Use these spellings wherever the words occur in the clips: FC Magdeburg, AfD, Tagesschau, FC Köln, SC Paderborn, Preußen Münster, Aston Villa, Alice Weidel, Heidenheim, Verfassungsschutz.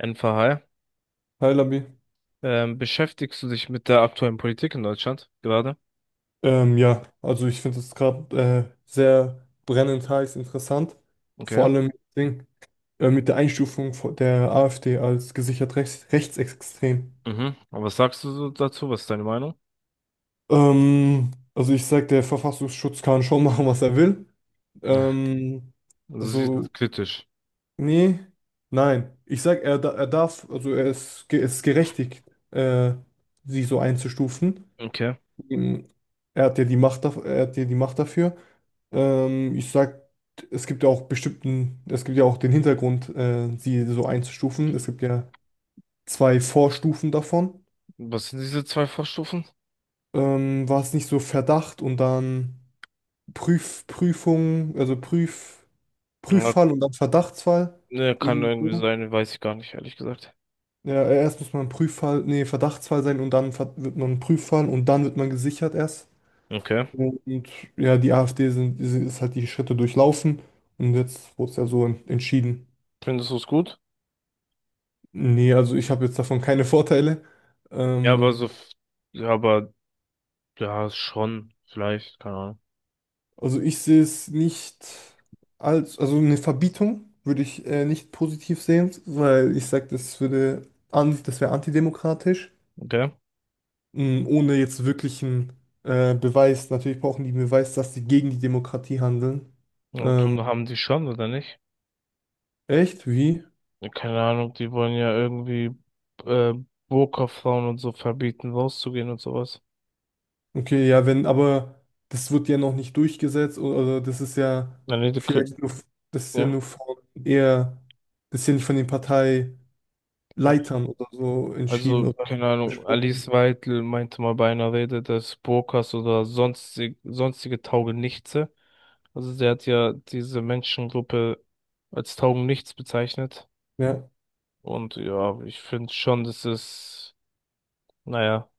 NVH. Hi Labi. Beschäftigst du dich mit der aktuellen Politik in Deutschland gerade? Ja, also ich finde es gerade sehr brennend heiß interessant. Vor Okay. allem mit, Ding, mit der Einstufung von der AfD als gesichert rechts, rechtsextrem. Mhm. Aber was sagst du so dazu? Was ist deine Meinung? Also ich sage, der Verfassungsschutz kann schon machen, was er will. Ja. Ähm, Also siehst du also, es kritisch. nee, nein. Ich sage, er darf, also ist gerechtigt, äh, sie so einzustufen. Okay. Ähm, Er hat ja die Macht dafür. Ich sag, es gibt ja auch den Hintergrund, sie so einzustufen. Es gibt ja zwei Vorstufen davon. Was sind diese zwei Vorstufen? War es nicht so Verdacht und dann Prüf, Prüfung, also Prüf, Ja, Prüffall und dann Verdachtsfall? ne, kann Irgendwie irgendwie so. sein, weiß ich gar nicht, ehrlich gesagt. Ja, erst muss man Prüffall, nee, Verdachtsfall sein und dann wird man Prüffall und dann wird man gesichert erst. Okay. Und ja, die AfD sind, ist halt die Schritte durchlaufen und jetzt wurde es ja so entschieden. Findest du es gut? Nee, also ich habe jetzt davon keine Vorteile. Ja, aber Ähm, so, ja, aber ja, schon, vielleicht, keine Ahnung. also ich sehe es nicht als, also eine Verbietung würde ich nicht positiv sehen, weil ich sage, das würde, das wäre antidemokratisch, Okay. Ohne jetzt wirklichen Beweis. Natürlich brauchen die einen Beweis, dass sie gegen die Demokratie handeln. Ähm, Autoren haben die schon, oder nicht? Echt? Wie? Ja, keine Ahnung, die wollen ja irgendwie äh, Burka-Frauen und so verbieten, rauszugehen und sowas. Okay, ja, wenn, aber das wird ja noch nicht durchgesetzt oder Na, nee, vielleicht nur, das ist ja ja. nur von eher, das ist ja nicht von den Partei Ja. Leitern oder so entschieden Also, oder keine Ahnung, Alice besprochen. Weidel meinte mal bei einer Rede, dass Burkas oder sonstige Taugenichtse, also sie hat ja diese Menschengruppe als Taugenichts bezeichnet. Ja, Und ja, ich finde schon, das ist, naja,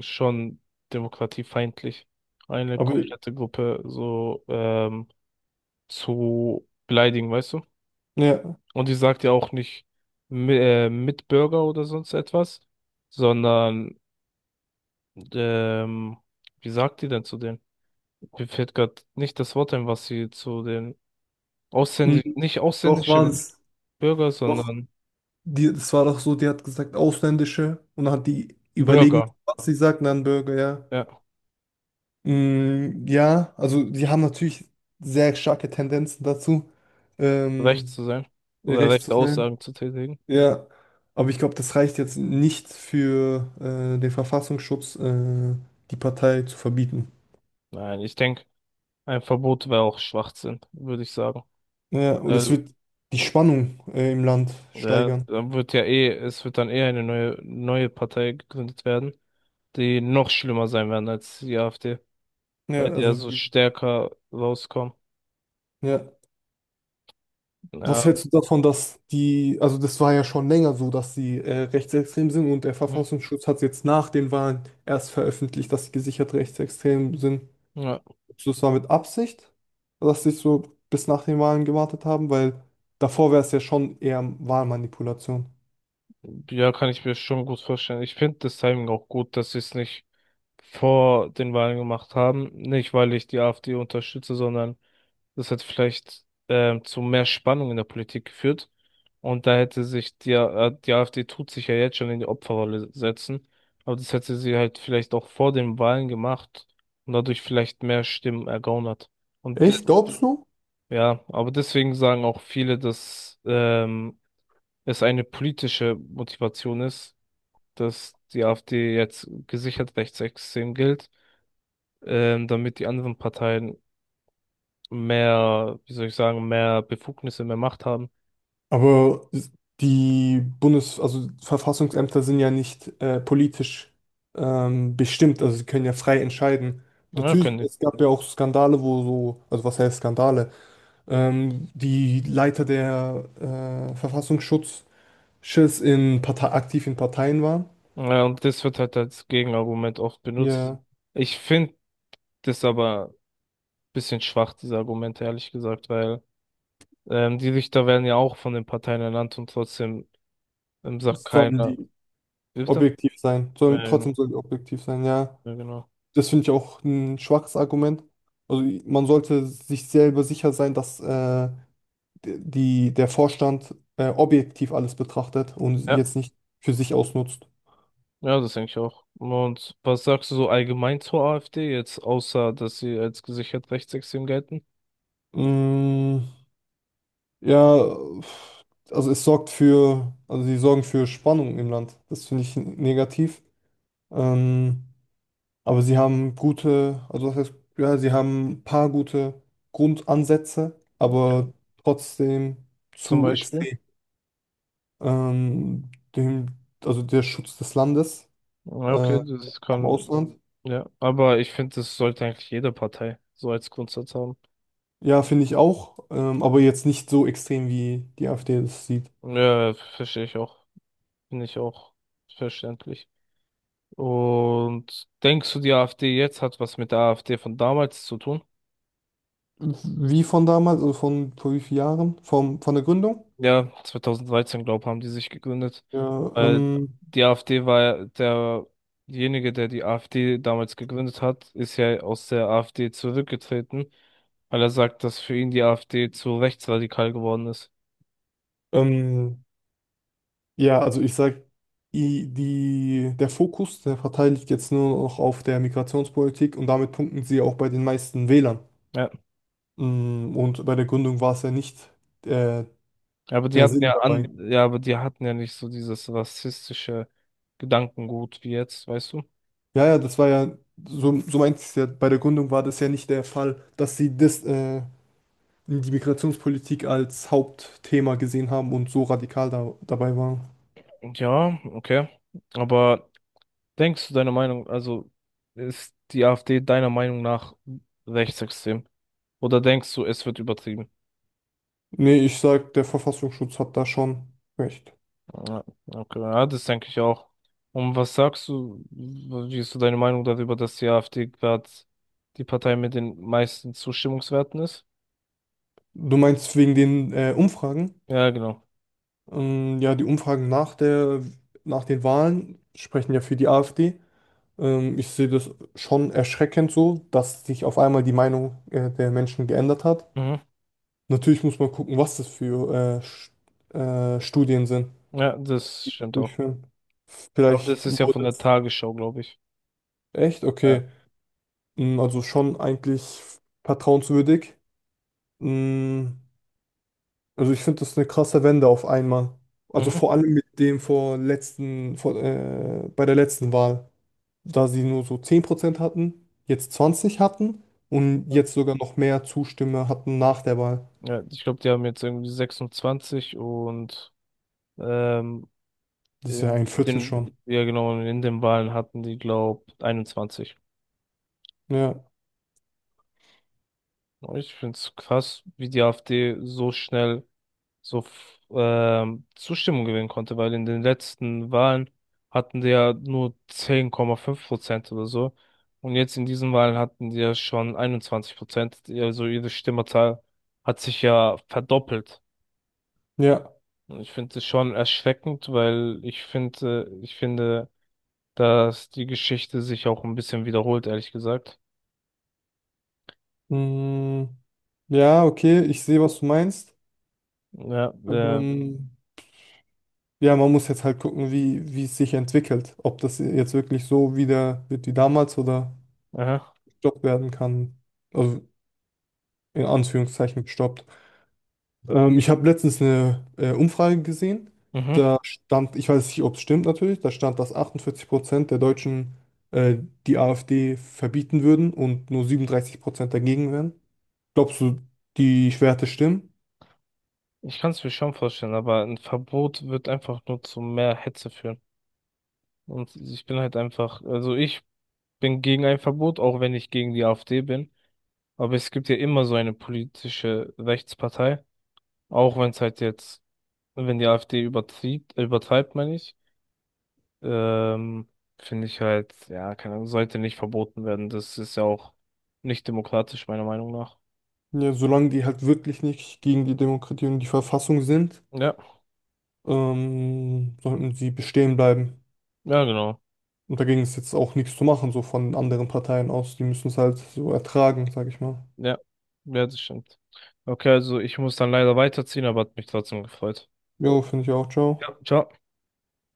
schon demokratiefeindlich, eine aber komplette Gruppe so zu beleidigen, weißt du? ja. Und die sagt ja auch nicht Mitbürger oder sonst etwas, sondern, ähm, wie sagt die denn zu denen? Mir fällt gerade nicht das Wort ein, was sie zu den ausländischen, Mhm. nicht Doch war ausländischen es, Bürger, doch, sondern die, das war doch so, die hat gesagt, Ausländische und dann hat die überlegen, Bürger, was sie sagt, und dann Bürger, ja. ja, Ja, also die haben natürlich sehr starke Tendenzen dazu, recht ähm, zu sein oder recht zu rechte sein. Aussagen zu tätigen. Ja, aber ich glaube, das reicht jetzt nicht für den Verfassungsschutz, die Partei zu verbieten. Nein, ich denke, ein Verbot wäre auch Schwachsinn, würde ich sagen. Ja, und es Weil, wird die Spannung im Land ja, steigern. dann wird ja eh, es wird dann eh eine neue Partei gegründet werden, die noch schlimmer sein werden als die AfD, Ja, weil die ja also, so stärker rauskommen. ja. Ja. Was hältst du davon, dass die, also das war ja schon länger so, dass sie rechtsextrem sind und der Mhm. Verfassungsschutz hat jetzt nach den Wahlen erst veröffentlicht, dass sie gesichert rechtsextrem sind. Ja, Glaubst du, das war mit Absicht, dass sie so bis nach den Wahlen gewartet haben? Weil davor wäre es ja schon eher Wahlmanipulation. ja, kann ich mir schon gut vorstellen. Ich finde das Timing auch gut, dass sie es nicht vor den Wahlen gemacht haben. Nicht, weil ich die AfD unterstütze, sondern das hat vielleicht zu mehr Spannung in der Politik geführt. Und da hätte sich die AfD tut sich ja jetzt schon in die Opferrolle setzen. Aber das hätte sie halt vielleicht auch vor den Wahlen gemacht und dadurch vielleicht mehr Stimmen ergaunert. Und Echt, glaubst du? ja, aber deswegen sagen auch viele, dass es eine politische Motivation ist, dass die AfD jetzt gesichert rechtsextrem gilt, damit die anderen Parteien mehr, wie soll ich sagen, mehr Befugnisse, mehr Macht haben. Aber also Verfassungsämter sind ja nicht politisch bestimmt, also sie können ja frei entscheiden. Ja, Natürlich, können die. es gab ja auch Skandale, wo so, also was heißt Skandale? Die Leiter der Verfassungsschutzes in Partei aktiv in Parteien waren. Ja, und das wird halt als Gegenargument oft benutzt. Ja, Ich finde das aber ein bisschen schwach, diese Argumente, ehrlich gesagt, weil die Richter werden ja auch von den Parteien ernannt und trotzdem sagt es sollen keiner. die Wie bitte? objektiv sein. Ja, Trotzdem genau. sollen die objektiv sein, ja. Ja, genau. Das finde ich auch ein schwaches Argument. Also man sollte sich selber sicher sein, dass die der Vorstand objektiv alles betrachtet und Ja, jetzt nicht für sich ausnutzt. ja, das denke ich auch. Und was sagst du so allgemein zur AfD jetzt, außer dass sie als gesichert rechtsextrem gelten, Mm, ja, also also sie sorgen für Spannung im Land. Das finde ich negativ. Ähm, aber also das heißt, ja, sie haben ein paar gute Grundansätze, aber trotzdem zum zu Beispiel? extrem. Ähm, dem, also der Schutz des Landes Ja, äh, okay, das vom kann, Ausland. ja, aber ich finde, das sollte eigentlich jede Partei so als Grundsatz haben. Ja, finde ich auch, aber jetzt nicht so extrem, wie die AfD das sieht. Ja, verstehe ich auch. Finde ich auch verständlich. Und denkst du, die AfD jetzt hat was mit der AfD von damals zu tun? Wie von damals, also von vor wie vielen Jahren? Von der Gründung? Ja, 2013, glaube ich, haben die sich gegründet. Ja, Weil die AfD war ja derjenige, der die AfD damals gegründet hat, ist ja aus der AfD zurückgetreten, weil er sagt, dass für ihn die AfD zu rechtsradikal geworden ist. ähm, ja, also ich sag, der Fokus der Partei liegt jetzt nur noch auf der Migrationspolitik und damit punkten sie auch bei den meisten Wählern. Ja, Und bei der Gründung war es ja nicht äh, aber die der hatten Sinn ja dabei. an, ja, aber die hatten ja nicht so dieses rassistische Gedankengut wie jetzt, weißt du? Ja, ja, das war ja, so meinte ich es ja, bei der Gründung war das ja nicht der Fall, dass sie das die Migrationspolitik als Hauptthema gesehen haben und so radikal dabei waren. Ja, okay. Aber denkst du deine Meinung, also ist die AfD deiner Meinung nach rechtsextrem? Oder denkst du, es wird übertrieben? Nee, ich sag, der Verfassungsschutz hat da schon recht. Ja, okay, ja, das denke ich auch. Und was sagst du, wie ist so deine Meinung darüber, dass die AfD gerade die Partei mit den meisten Zustimmungswerten ist? Du meinst wegen den Umfragen? Ja, genau. Ja, die Umfragen nach den Wahlen sprechen ja für die AfD. Ich sehe das schon erschreckend so, dass sich auf einmal die Meinung der Menschen geändert hat. Mhm. Natürlich muss man gucken, was das für Studien sind, Ja, das die stimmt auch. durchführen. Aber das Vielleicht ist ja von wurde der es Tagesschau, glaube ich. echt, Ja. okay. Also schon eigentlich vertrauenswürdig. Mm, Also ich finde das eine krasse Wende auf einmal. Also Mhm. vor allem mit dem vor letzten, vor, bei der letzten Wahl, da sie nur so 10% hatten, jetzt 20 hatten und Ja, jetzt sogar noch mehr Zustimme hatten nach der Wahl. ja, ich glaube, die haben jetzt irgendwie 26 und ähm, Das ist ja in ein Viertel den, schon. ja genau, in den Wahlen hatten die, glaube, 21. Ja, Ich finde es krass, wie die AfD so schnell so Zustimmung gewinnen konnte, weil in den letzten Wahlen hatten die ja nur 10,5% oder so. Und jetzt in diesen Wahlen hatten die ja schon 21%. Also ihre Stimmerzahl hat sich ja verdoppelt. ja. Und ich finde es schon erschreckend, weil ich finde, dass die Geschichte sich auch ein bisschen wiederholt, ehrlich gesagt. Mm, Ja, okay, ich sehe, was du meinst. Ja, Ähm, Ja, man muss jetzt halt gucken, wie es sich entwickelt. Ob das jetzt wirklich so wieder wird wie damals oder aha, gestoppt werden kann. Also in Anführungszeichen gestoppt. Ich habe letztens eine Umfrage gesehen. mhm. Da stand, ich weiß nicht, ob es stimmt natürlich, da stand, dass 48% der Deutschen äh, die AfD verbieten würden und nur 37% dagegen wären. Glaubst du, die Werte stimmen? Ich kann es mir schon vorstellen, aber ein Verbot wird einfach nur zu mehr Hetze führen. Und ich bin halt einfach, also ich bin gegen ein Verbot, auch wenn ich gegen die AfD bin. Aber es gibt ja immer so eine politische Rechtspartei, auch wenn es halt jetzt, wenn die AfD übertreibt, übertreibt, meine ich, ähm, finde ich halt, ja, keine Ahnung, sollte nicht verboten werden. Das ist ja auch nicht demokratisch, meiner Meinung nach. Ja, solange die halt wirklich nicht gegen die Demokratie und die Verfassung sind. Ja, Sollten sie bestehen bleiben. ja, genau. Und dagegen ist jetzt auch nichts zu machen, so von anderen Parteien aus. Die müssen es halt so ertragen, sag ich mal. Ja, ja, das stimmt. Okay, also ich muss dann leider weiterziehen, aber hat mich trotzdem gefreut. Jo, finde ich auch, Ja, ciao. ciao.